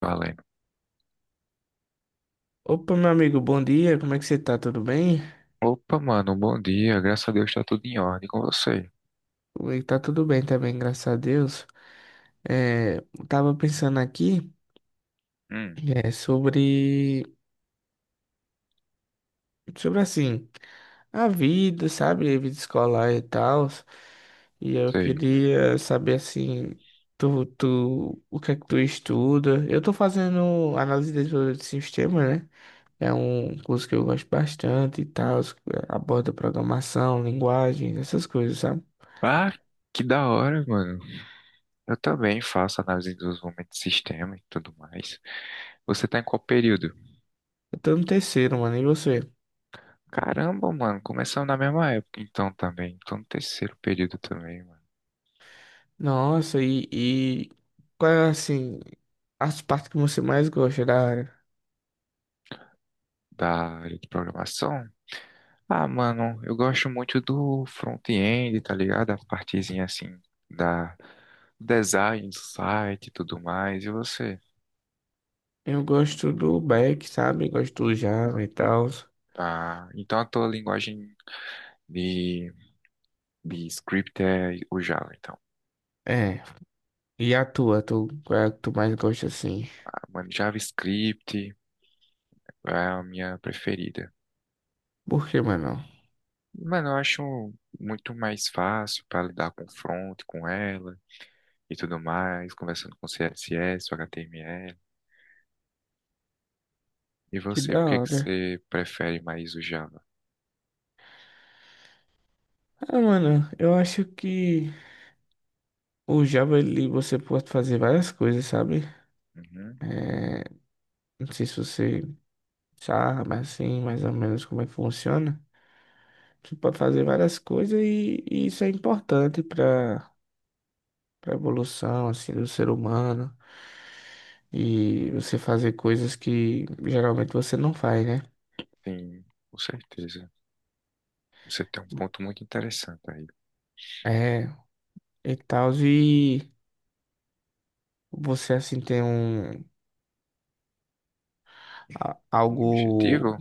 Vale. Opa, meu amigo, bom dia. Como é que você tá? Tudo bem? Opa, mano, bom dia. Graças a Deus tá tudo em ordem com você. Comigo tá tudo bem também, graças a Deus. É, eu tava pensando aqui, Hum, é, sobre, sobre assim, a vida, sabe? A vida escolar e tal. E eu sei. queria saber assim, tu, o que é que tu estuda? Eu tô fazendo análise de desenvolvimento de sistema, né? É um curso que eu gosto bastante e tal, aborda programação, linguagens, essas coisas, sabe? Ah, que da hora, mano. Eu também faço análise de desenvolvimento de sistema e tudo mais. Você tá em qual período? Eu tô no terceiro, mano, e você? Caramba, mano, começamos na mesma época então também. Tô no terceiro período também, mano, Nossa, e qual é assim as partes que você mais gosta da área? da área de programação. Ah, mano, eu gosto muito do front-end, tá ligado? A partezinha assim da design, do site e tudo mais. E você? Eu gosto do back, sabe? Gosto do Java e tal. Tá. Então a tua linguagem De, de script é o Java, então. É. E tu, qual é a que tu mais gosta assim? Ah, mano, JavaScript é a minha preferida. Por que, mano? Mano, eu acho muito mais fácil para lidar com front, com ela e tudo mais, conversando com CSS, HTML. E Que você, da por que que hora. você prefere mais o Java? Ah, mano, eu acho que o Java ele você pode fazer várias coisas, sabe? Uhum, É, não sei se você sabe assim, mais ou menos como é que funciona. Você pode fazer várias coisas e isso é importante para evolução assim do ser humano e você fazer coisas que geralmente você não faz, né? sim, com certeza. Você tem um ponto muito interessante aí. É, e tal e você assim tem um Um algo objetivo?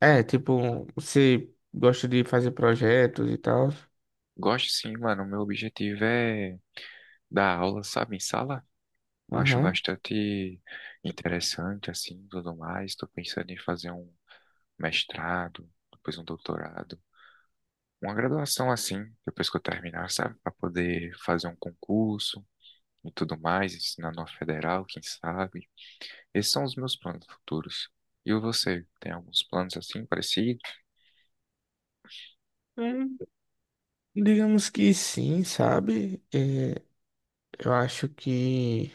é, tipo, você gosta de fazer projetos e tal. Gosto sim, mano. O meu objetivo é dar aula, sabe, em sala. Eu acho Aham. bastante interessante, assim, tudo mais. Estou pensando em fazer um mestrado, depois um doutorado, uma graduação assim, depois que eu terminar, sabe? Para poder fazer um concurso e tudo mais, ensinar numa federal, quem sabe. Esses são os meus planos futuros. E você, tem alguns planos assim, parecidos? Hum, Digamos que sim, sabe? É, eu acho que,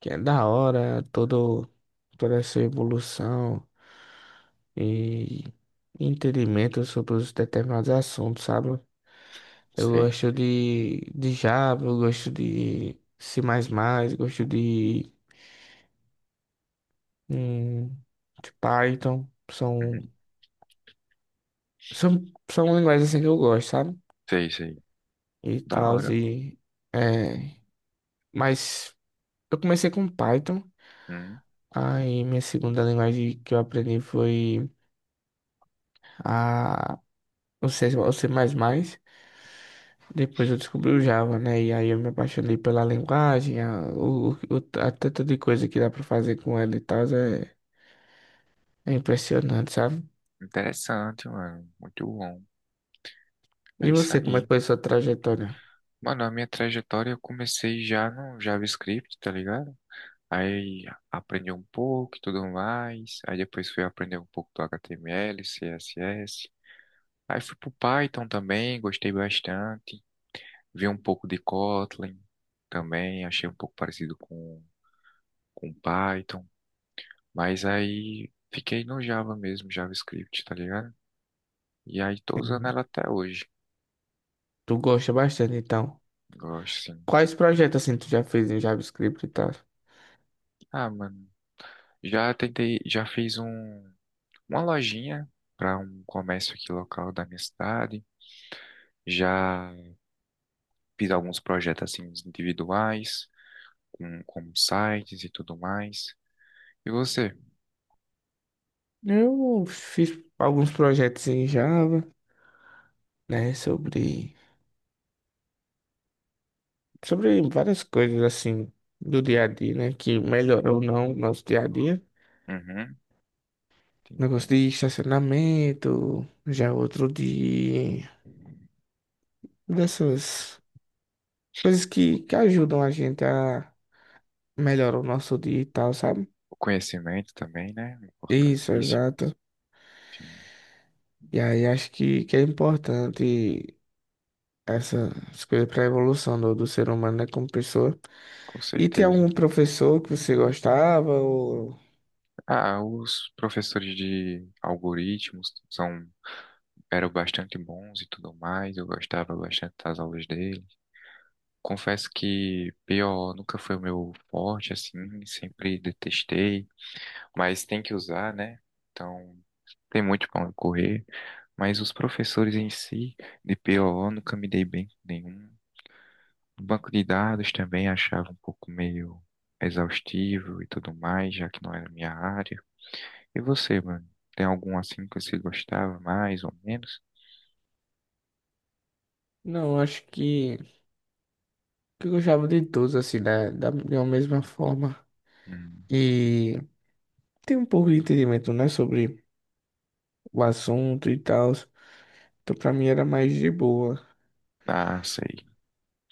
que é da hora toda essa evolução. E entendimento sobre os determinados assuntos, sabe? Eu Sei, gosto de Java, eu gosto de C++, gosto hum, de Python. uhum, são, são linguagens assim que eu gosto, sabe? sei, sei. E Da tal, hora. e... É, mas eu comecei com Python, Hum, aí minha segunda linguagem que eu aprendi foi a, o C, o C++. Depois eu descobri o Java, né? E aí eu me apaixonei pela linguagem, a tanta de coisa que dá pra fazer com ela e tal, é impressionante, sabe? Interessante, mano. Muito bom. É E isso você, como é que aí. foi a sua trajetória? Mano, a minha trajetória eu comecei já no JavaScript, tá ligado? Aí aprendi um pouco e tudo mais. Aí depois fui aprender um pouco do HTML, CSS. Aí fui pro Python também, gostei bastante. Vi um pouco de Kotlin também, achei um pouco parecido com Python. Mas aí fiquei no Java mesmo, JavaScript, tá ligado? E aí tô usando Hum, ela até hoje. Tu gosta bastante, então. Gosto sim. Quais projetos assim tu já fez em JavaScript e tal? Ah, mano, já tentei, já fiz um, uma lojinha para um comércio aqui local da minha cidade. Já fiz alguns projetos assim individuais, com sites e tudo mais. E você? Eu fiz alguns projetos em Java, né? Sobre várias coisas assim do dia a dia, né? Que melhorou ou não o nosso dia a dia. Uhum, Negócio entendo. de estacionamento, já outro dia. Dessas coisas que ajudam a gente a melhorar o nosso dia e tal, sabe? O conhecimento também, né? É Isso, importantíssimo. exato. Enfim, E aí acho que é importante essas coisas para a evolução do ser humano, né, como pessoa. com E tem certeza. algum professor que você gostava ou... Ah, os professores de algoritmos são, eram bastante bons e tudo mais. Eu gostava bastante das aulas deles. Confesso que PO nunca foi o meu forte, assim, sempre detestei, mas tem que usar, né? Então, tem muito para onde correr. Mas os professores em si, de PO, nunca me dei bem com nenhum. O banco de dados também achava um pouco meio exaustivo e tudo mais, já que não era minha área. E você, mano? Tem algum assim que você gostava mais ou menos? Não, acho que eu gostava de todos, assim, de uma mesma forma. Hum, E tem um pouco de entendimento, né, sobre o assunto e tal. Então, pra mim era mais de boa. tá, sei.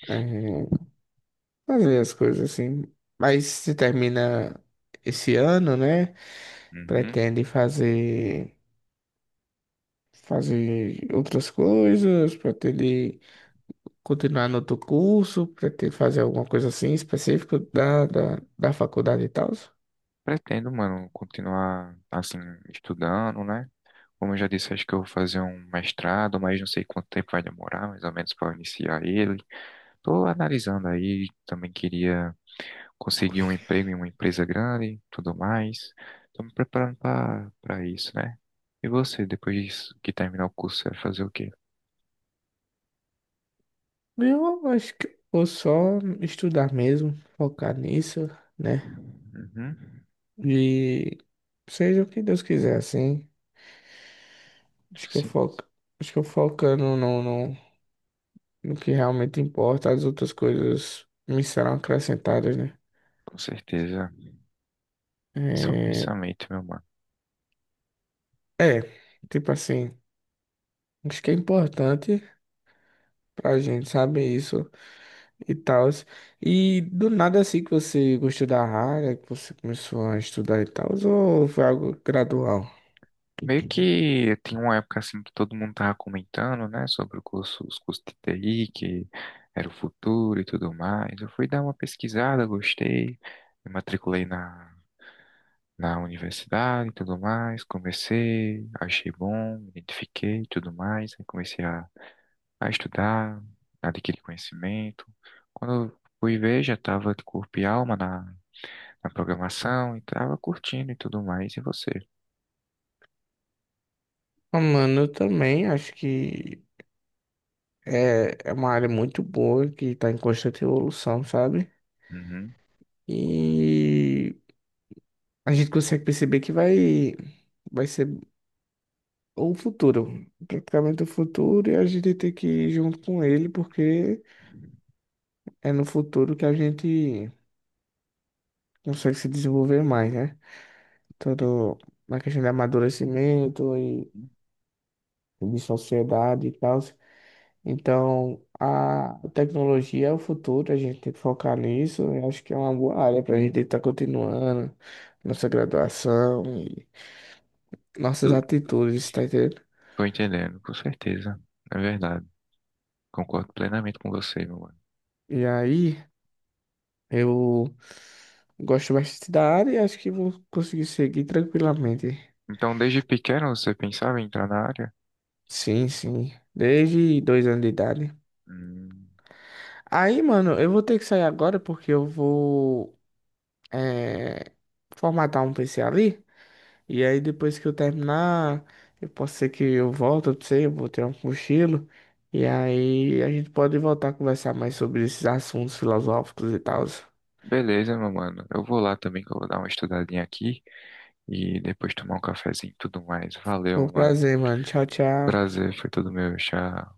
É, fazer as coisas assim. Mas se termina esse ano, né? Uhum. Pretende fazer outras coisas, pretende continuar no outro curso, pretende fazer alguma coisa assim específica da faculdade e tal. Pretendo, mano, continuar assim, estudando, né? Como eu já disse, acho que eu vou fazer um mestrado, mas não sei quanto tempo vai demorar, mais ou menos, para iniciar ele. Tô analisando aí, também queria conseguir um emprego em uma empresa grande, tudo mais. Estou me preparando para para isso, né? E você, depois disso, que terminar o curso, você vai fazer o quê? Eu acho que eu vou só estudar mesmo, focar nisso, né? Uhum. E seja o que Deus quiser, assim. Acho que eu Sim, foco, acho que eu focando no, no que realmente importa, as outras coisas me serão acrescentadas, né? com certeza. Esse é o É, pensamento, meu mano. é, tipo assim, acho que é importante pra gente saber isso e tal. E do nada assim que você gostou da área, que você começou a estudar e tal, ou foi algo gradual? Meio que tem uma época assim que todo mundo tava comentando, né, sobre o curso, os cursos de TI, que era o futuro e tudo mais. Eu fui dar uma pesquisada, gostei, me matriculei na na universidade e tudo mais. Comecei, achei bom, me identifiquei e tudo mais. Aí comecei a estudar, adquirir conhecimento. Quando eu fui ver, já estava de corpo e alma na, na programação e estava curtindo e tudo mais. E você? Ah, mano, eu também acho que é uma área muito boa que tá em constante evolução, sabe? Uhum. E a gente consegue perceber que vai ser o futuro, praticamente o futuro, e a gente tem que ir junto com ele, porque é no futuro que a gente consegue se desenvolver mais, né? Todo na questão de amadurecimento e de sociedade e tal. Então, a tecnologia é o futuro, a gente tem que focar nisso. Eu acho que é uma boa área para a gente estar continuando nossa graduação e nossas Tu- atitudes, tá entendendo? Tô entendendo, com certeza. É verdade. Concordo plenamente com você, meu mano. E aí, eu gosto bastante da área e acho que vou conseguir seguir tranquilamente. Então, desde pequeno você pensava em entrar na área? Sim, sim. Desde 2 anos de idade. Hum, Aí, mano, eu vou ter que sair agora porque eu vou eh, formatar um PC ali. E aí depois que eu terminar, eu posso ser que eu volte, eu sei, eu vou ter um cochilo. E aí a gente pode voltar a conversar mais sobre esses assuntos filosóficos e tal. Beleza, meu mano. Eu vou lá também, que eu vou dar uma estudadinha aqui e depois tomar um cafezinho e tudo mais. Valeu, Foi um meu mano. prazer, mano. Tchau, tchau. Prazer, foi todo meu. Tchau.